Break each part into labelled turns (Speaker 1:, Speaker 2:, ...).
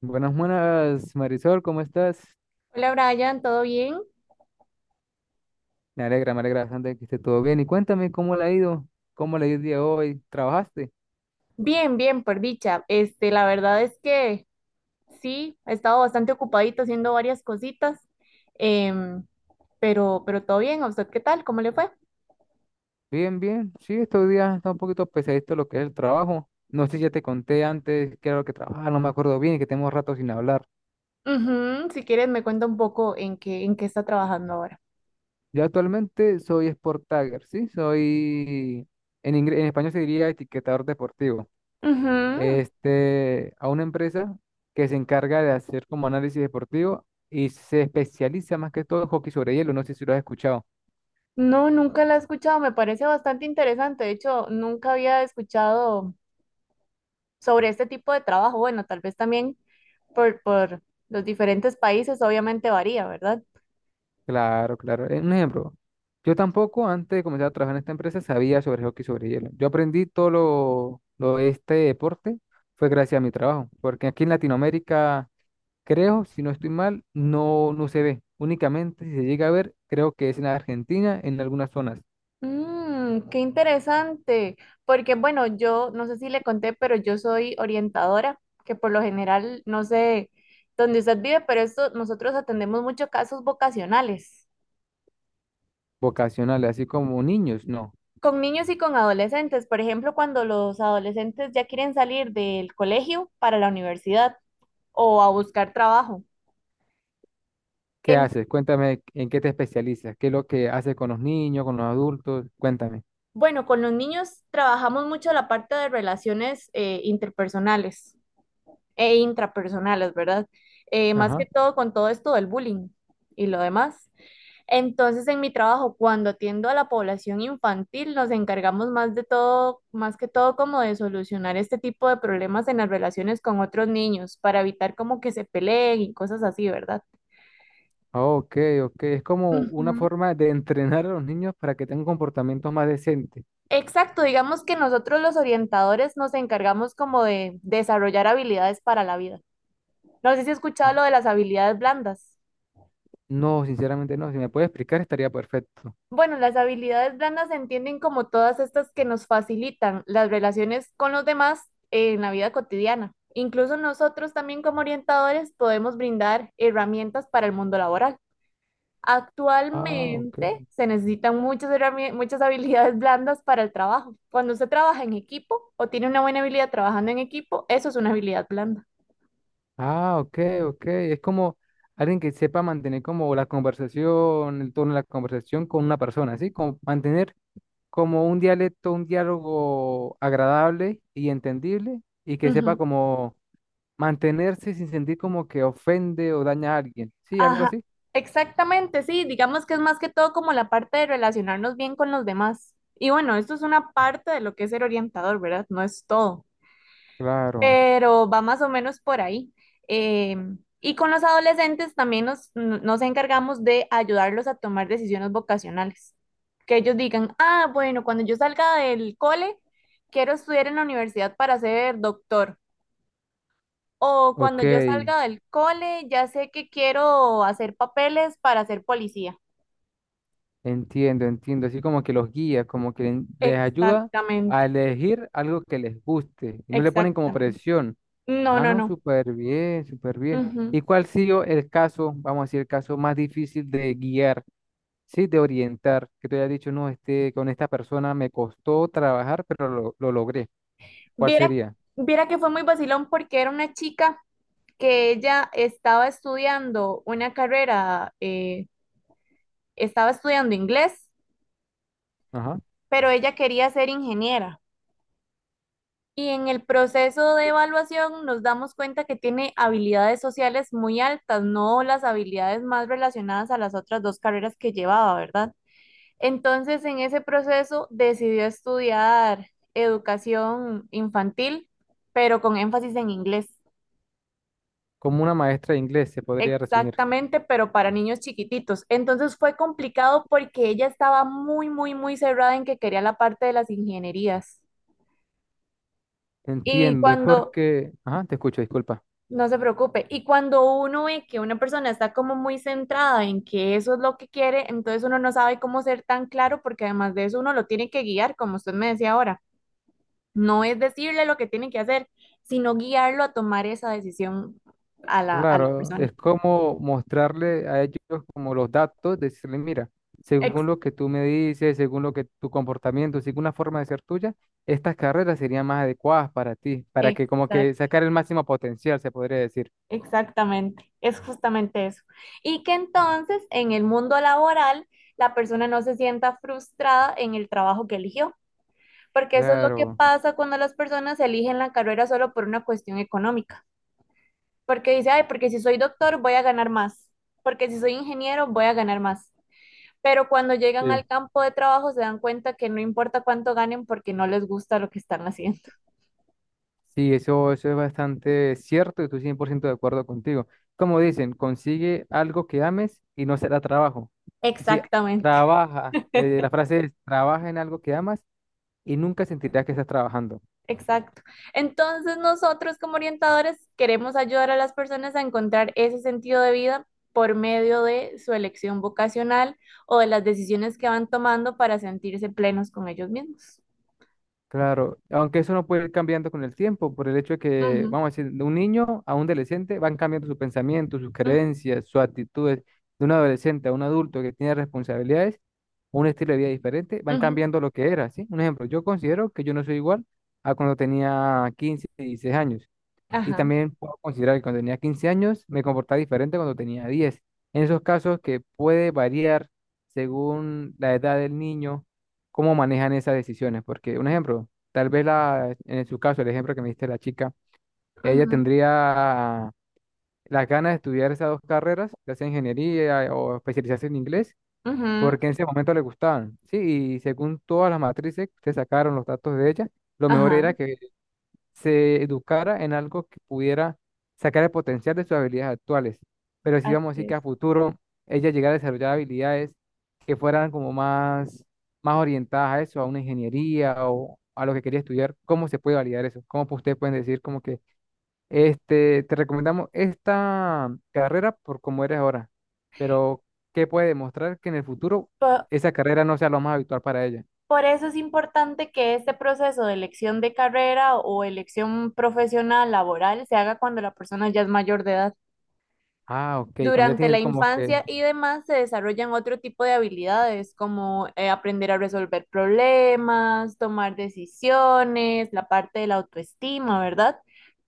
Speaker 1: Buenas, buenas, Marisol, ¿cómo estás?
Speaker 2: Hola Brian, ¿todo bien?
Speaker 1: Me alegra bastante que esté todo bien. Y cuéntame, ¿cómo le ha ido? ¿Cómo le ha ido el día de hoy? ¿Trabajaste?
Speaker 2: Bien, bien, por dicha. La verdad es que sí, he estado bastante ocupadito haciendo varias cositas, em, pero todo bien. ¿A usted qué tal? ¿Cómo le fue?
Speaker 1: Bien, bien. Sí, estos días está un poquito pesadito lo que es el trabajo. No sé si ya te conté antes qué era lo que trabajaba, no me acuerdo bien y que tenemos rato sin hablar.
Speaker 2: Ujú. Si quieres, me cuenta un poco en qué está trabajando ahora.
Speaker 1: Yo actualmente soy Sport Tagger, ¿sí? Soy, en español se diría etiquetador deportivo.
Speaker 2: Ujú.
Speaker 1: Este, a una empresa que se encarga de hacer como análisis deportivo y se especializa más que todo en hockey sobre hielo. ¿No sé si lo has escuchado?
Speaker 2: No, nunca la he escuchado. Me parece bastante interesante. De hecho, nunca había escuchado sobre este tipo de trabajo. Bueno, tal vez también por los diferentes países, obviamente varía, ¿verdad?
Speaker 1: Claro, claro. Un ejemplo. Yo tampoco, antes de comenzar a trabajar en esta empresa, sabía sobre hockey sobre hielo. Yo aprendí todo lo de este deporte fue gracias a mi trabajo, porque aquí en Latinoamérica, creo, si no estoy mal, no, no se ve. Únicamente si se llega a ver, creo que es en Argentina, en algunas zonas
Speaker 2: Mm, qué interesante, porque bueno, yo no sé si le conté, pero yo soy orientadora, que por lo general, no sé dónde usted vive, pero esto, nosotros atendemos muchos casos vocacionales,
Speaker 1: vocacionales, así como niños, no.
Speaker 2: con niños y con adolescentes, por ejemplo, cuando los adolescentes ya quieren salir del colegio para la universidad o a buscar trabajo.
Speaker 1: ¿Qué
Speaker 2: En-
Speaker 1: haces? Cuéntame en qué te especializas, qué es lo que haces con los niños, con los adultos, cuéntame.
Speaker 2: bueno, con los niños trabajamos mucho la parte de relaciones interpersonales e intrapersonales, ¿verdad? Más que
Speaker 1: Ajá.
Speaker 2: todo con todo esto del bullying y lo demás. Entonces, en mi trabajo, cuando atiendo a la población infantil, nos encargamos más de todo, más que todo como de solucionar este tipo de problemas en las relaciones con otros niños para evitar como que se peleen y cosas así, ¿verdad?
Speaker 1: Ah, ok, ok. Es como una
Speaker 2: Ujú.
Speaker 1: forma de entrenar a los niños para que tengan comportamientos más decentes.
Speaker 2: Exacto, digamos que nosotros los orientadores nos encargamos como de desarrollar habilidades para la vida. No sé si has escuchado
Speaker 1: Ah,
Speaker 2: lo de las habilidades blandas.
Speaker 1: no, sinceramente no. Si me puedes explicar, estaría perfecto.
Speaker 2: Bueno, las habilidades blandas se entienden como todas estas que nos facilitan las relaciones con los demás en la vida cotidiana. Incluso nosotros también como orientadores podemos brindar herramientas para el mundo laboral.
Speaker 1: Ah, ok.
Speaker 2: Actualmente se necesitan muchas, muchas habilidades blandas para el trabajo. Cuando usted trabaja en equipo o tiene una buena habilidad trabajando en equipo, eso es una habilidad blanda.
Speaker 1: Ah, ok, ok. Es como alguien que sepa mantener como la conversación, el tono de la conversación con una persona, ¿sí? Como mantener como un dialecto, un diálogo agradable y entendible y que sepa
Speaker 2: Ujú.
Speaker 1: como mantenerse sin sentir como que ofende o daña a alguien. Sí, algo
Speaker 2: Ajá,
Speaker 1: así.
Speaker 2: exactamente, sí, digamos que es más que todo como la parte de relacionarnos bien con los demás. Y bueno, esto es una parte de lo que es ser orientador, ¿verdad? No es todo,
Speaker 1: Claro.
Speaker 2: pero va más o menos por ahí. Eh, y con los adolescentes también nos encargamos de ayudarlos a tomar decisiones vocacionales. Que ellos digan, ah, bueno, cuando yo salga del cole, quiero estudiar en la universidad para ser doctor. O cuando
Speaker 1: Ok,
Speaker 2: yo salga del cole, ya sé que quiero hacer papeles para ser policía.
Speaker 1: entiendo, entiendo. Así como que los guía, como que les ayuda a
Speaker 2: Exactamente,
Speaker 1: elegir algo que les guste y no le ponen como
Speaker 2: exactamente.
Speaker 1: presión.
Speaker 2: No,
Speaker 1: Ah,
Speaker 2: no,
Speaker 1: no,
Speaker 2: no.
Speaker 1: súper bien, súper bien.
Speaker 2: Ujú.
Speaker 1: ¿Y cuál ha sido el caso, vamos a decir, el caso más difícil de guiar, sí, de orientar? Que te haya dicho, no, este, con esta persona me costó trabajar, pero lo logré. ¿Cuál
Speaker 2: Viera,
Speaker 1: sería?
Speaker 2: viera que fue muy vacilón porque era una chica que ella estaba estudiando una carrera, estaba estudiando inglés,
Speaker 1: Ajá.
Speaker 2: pero ella quería ser ingeniera. Y en el proceso de evaluación nos damos cuenta que tiene habilidades sociales muy altas, no las habilidades más relacionadas a las otras dos carreras que llevaba, ¿verdad? Entonces, en ese proceso decidió estudiar educación infantil, pero con énfasis en inglés.
Speaker 1: Como una maestra de inglés, se podría resumir.
Speaker 2: Exactamente, pero para niños chiquititos. Entonces fue complicado porque ella estaba muy, muy, muy cerrada en que quería la parte de las ingenierías. Y
Speaker 1: Entiendo, es
Speaker 2: cuando,
Speaker 1: porque, ajá, te escucho, disculpa.
Speaker 2: No se preocupe. Y cuando uno ve que una persona está como muy centrada en que eso es lo que quiere, entonces uno no sabe cómo ser tan claro porque además de eso uno lo tiene que guiar, como usted me decía ahora. No es decirle lo que tiene que hacer, sino guiarlo a tomar esa decisión a la
Speaker 1: Claro,
Speaker 2: persona.
Speaker 1: es como mostrarle a ellos como los datos, decirle, mira,
Speaker 2: Ex-
Speaker 1: según lo que tú me dices, según lo que tu comportamiento, según una forma de ser tuya, estas carreras serían más adecuadas para ti, para que como que
Speaker 2: exact-
Speaker 1: sacar el máximo potencial, se podría decir.
Speaker 2: Exactamente. Es justamente eso. Y que entonces en el mundo laboral la persona no se sienta frustrada en el trabajo que eligió. Porque eso es lo que
Speaker 1: Claro,
Speaker 2: pasa cuando las personas eligen la carrera solo por una cuestión económica. Porque dice, ay, porque si soy doctor voy a ganar más. Porque si soy ingeniero voy a ganar más. Pero cuando llegan
Speaker 1: sí.
Speaker 2: al campo de trabajo se dan cuenta que no importa cuánto ganen porque no les gusta lo que están haciendo.
Speaker 1: Sí, eso es bastante cierto y estoy 100% de acuerdo contigo. Como dicen, consigue algo que ames y no será trabajo. Y si
Speaker 2: Exactamente,
Speaker 1: trabaja, la frase es, trabaja en algo que amas y nunca sentirás que estás trabajando.
Speaker 2: exacto. Entonces nosotros como orientadores queremos ayudar a las personas a encontrar ese sentido de vida por medio de su elección vocacional o de las decisiones que van tomando para sentirse plenos con ellos mismos.
Speaker 1: Claro, aunque eso no puede ir cambiando con el tiempo, por el hecho de que,
Speaker 2: Ujú,
Speaker 1: vamos a decir, de un niño a un adolescente van cambiando sus pensamientos, sus
Speaker 2: ujú,
Speaker 1: creencias, sus actitudes. De un adolescente a un adulto que tiene responsabilidades, un estilo de vida diferente, van
Speaker 2: ujú.
Speaker 1: cambiando lo que era, ¿sí? Un ejemplo, yo considero que yo no soy igual a cuando tenía 15, 16 años. Y
Speaker 2: Ajá,
Speaker 1: también puedo considerar que cuando tenía 15 años me comportaba diferente cuando tenía 10. En esos casos que puede variar según la edad del niño, cómo manejan esas decisiones. Porque un ejemplo, tal vez la, en su caso, el ejemplo que me diste la chica, ella
Speaker 2: ujú,
Speaker 1: tendría las ganas de estudiar esas dos carreras, ya sea ingeniería o especializarse en inglés,
Speaker 2: ujú,
Speaker 1: porque en ese momento le gustaban. Sí, y según todas las matrices que sacaron los datos de ella, lo mejor era
Speaker 2: ajá,
Speaker 1: que se educara en algo que pudiera sacar el potencial de sus habilidades actuales. Pero si vamos a
Speaker 2: así
Speaker 1: decir que
Speaker 2: es.
Speaker 1: a futuro ella llegara a desarrollar habilidades que fueran como más, más orientadas a eso, a una ingeniería o a lo que quería estudiar, ¿cómo se puede validar eso? Ustedes pueden decir como que este, te recomendamos esta carrera por cómo eres ahora, pero ¿qué puede demostrar que en el futuro
Speaker 2: Po-
Speaker 1: esa carrera no sea lo más habitual para ella?
Speaker 2: Eso es importante que este proceso de elección de carrera o elección profesional laboral se haga cuando la persona ya es mayor de edad.
Speaker 1: Ah, ok, cuando ella
Speaker 2: Durante la
Speaker 1: tienes como que
Speaker 2: infancia y demás se desarrollan otro tipo de habilidades como aprender a resolver problemas, tomar decisiones, la parte de la autoestima, ¿verdad?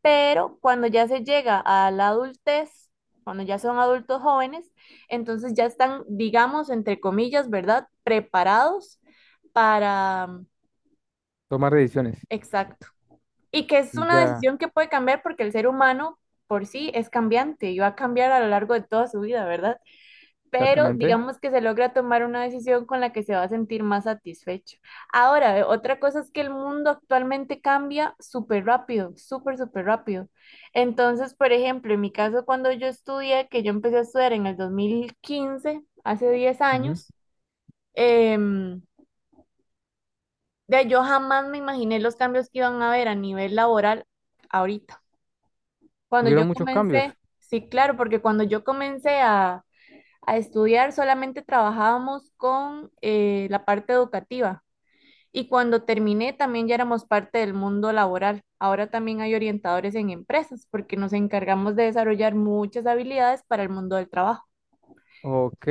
Speaker 2: Pero cuando ya se llega a la adultez, cuando ya son adultos jóvenes, entonces ya están, digamos, entre comillas, ¿verdad? Preparados para, mm,
Speaker 1: tomar decisiones.
Speaker 2: exacto. Y que es una
Speaker 1: Ya.
Speaker 2: decisión que puede cambiar porque el ser humano por sí es cambiante y va a cambiar a lo largo de toda su vida, ¿verdad? Pero
Speaker 1: Exactamente.
Speaker 2: digamos que se logra tomar una decisión con la que se va a sentir más satisfecho. Ahora, otra cosa es que el mundo actualmente cambia súper rápido, súper, súper rápido. Entonces, por ejemplo, en mi caso, cuando yo estudié, que yo empecé a estudiar en el 2015, hace diez
Speaker 1: Ujú.
Speaker 2: años, em, yo jamás me imaginé los cambios que iban a haber a nivel laboral ahorita. Cuando yo
Speaker 1: Hubieron muchos
Speaker 2: comencé,
Speaker 1: cambios.
Speaker 2: sí, claro, porque cuando yo comencé a estudiar, solamente trabajábamos con la parte educativa. Y cuando terminé, también ya éramos parte del mundo laboral. Ahora también hay orientadores en empresas, porque nos encargamos de desarrollar muchas habilidades para el mundo del trabajo.
Speaker 1: Ok,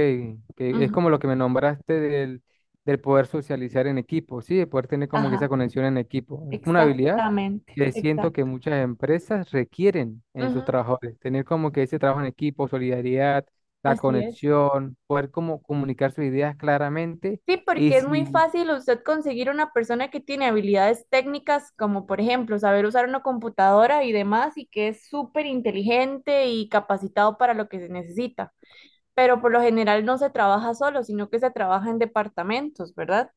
Speaker 1: que es
Speaker 2: Ujú.
Speaker 1: como lo que me nombraste del, del poder socializar en equipo, ¿sí? De poder tener como que
Speaker 2: Ajá,
Speaker 1: esa conexión en equipo. Es una habilidad
Speaker 2: exactamente,
Speaker 1: que siento que
Speaker 2: exacto.
Speaker 1: muchas empresas requieren en sus
Speaker 2: Ujú.
Speaker 1: trabajadores. Tener como que ese trabajo en equipo, solidaridad, la
Speaker 2: Así es.
Speaker 1: conexión, poder como comunicar sus ideas claramente.
Speaker 2: Sí,
Speaker 1: Y
Speaker 2: porque es muy
Speaker 1: si,
Speaker 2: fácil usted conseguir una persona que tiene habilidades técnicas, como por ejemplo saber usar una computadora y demás, y que es súper inteligente y capacitado para lo que se necesita. Pero por lo general no se trabaja solo, sino que se trabaja en departamentos, ¿verdad?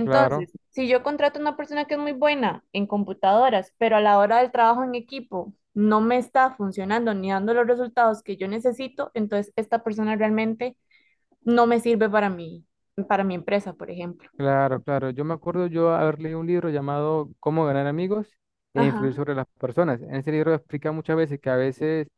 Speaker 1: claro.
Speaker 2: si yo contrato a una persona que es muy buena en computadoras, pero a la hora del trabajo en equipo no me está funcionando ni dando los resultados que yo necesito, entonces esta persona realmente no me sirve para mí, para mi empresa, por ejemplo.
Speaker 1: Claro, claro. Yo me acuerdo yo haber leído un libro llamado Cómo ganar amigos e influir
Speaker 2: Ajá,
Speaker 1: sobre las personas. En ese libro explica muchas veces que a veces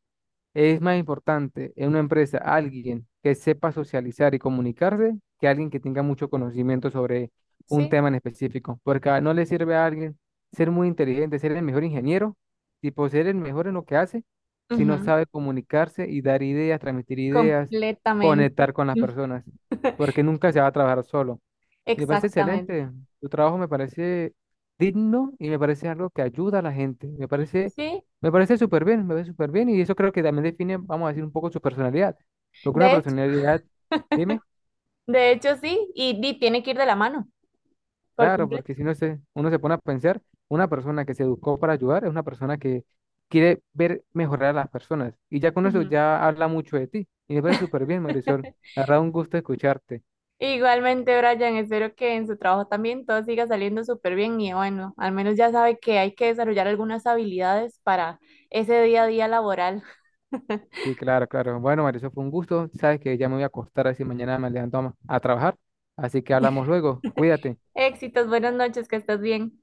Speaker 1: es más importante en una empresa alguien que sepa socializar y comunicarse que alguien que tenga mucho conocimiento sobre un
Speaker 2: sí,
Speaker 1: tema en específico. No le sirve a alguien ser muy inteligente, ser el mejor ingeniero, tipo ser el mejor en lo que hace, si no
Speaker 2: ujú,
Speaker 1: sabe comunicarse y dar ideas, transmitir ideas,
Speaker 2: completamente.
Speaker 1: conectar con las personas, porque nunca se va a trabajar solo. Me parece
Speaker 2: Exactamente.
Speaker 1: excelente. Tu trabajo me parece digno y me parece algo que ayuda a la gente.
Speaker 2: Sí,
Speaker 1: Me parece súper bien, me parece súper bien. Y eso creo que también define, vamos a decir, un poco su personalidad. Porque una
Speaker 2: de hecho,
Speaker 1: personalidad, dime,
Speaker 2: de hecho sí, y tiene que ir de la mano, por
Speaker 1: claro, porque
Speaker 2: completo.
Speaker 1: si no se, uno se pone a pensar, una persona que se educó para ayudar es una persona que quiere ver mejorar a las personas. Y ya con eso
Speaker 2: Ujú.
Speaker 1: ya habla mucho de ti. Y me parece súper bien, Marisol. La verdad, un gusto escucharte.
Speaker 2: Igualmente, Brian, espero que en su trabajo también todo siga saliendo súper bien y bueno, al menos ya sabe que hay que desarrollar algunas habilidades para ese día a día laboral.
Speaker 1: Sí, claro, claro. Bueno, Mauricio, fue un gusto. Sabes que ya me voy a acostar, así mañana me levanto a trabajar. Así que hablamos luego. Cuídate.
Speaker 2: Éxitos, buenas noches, que estés bien.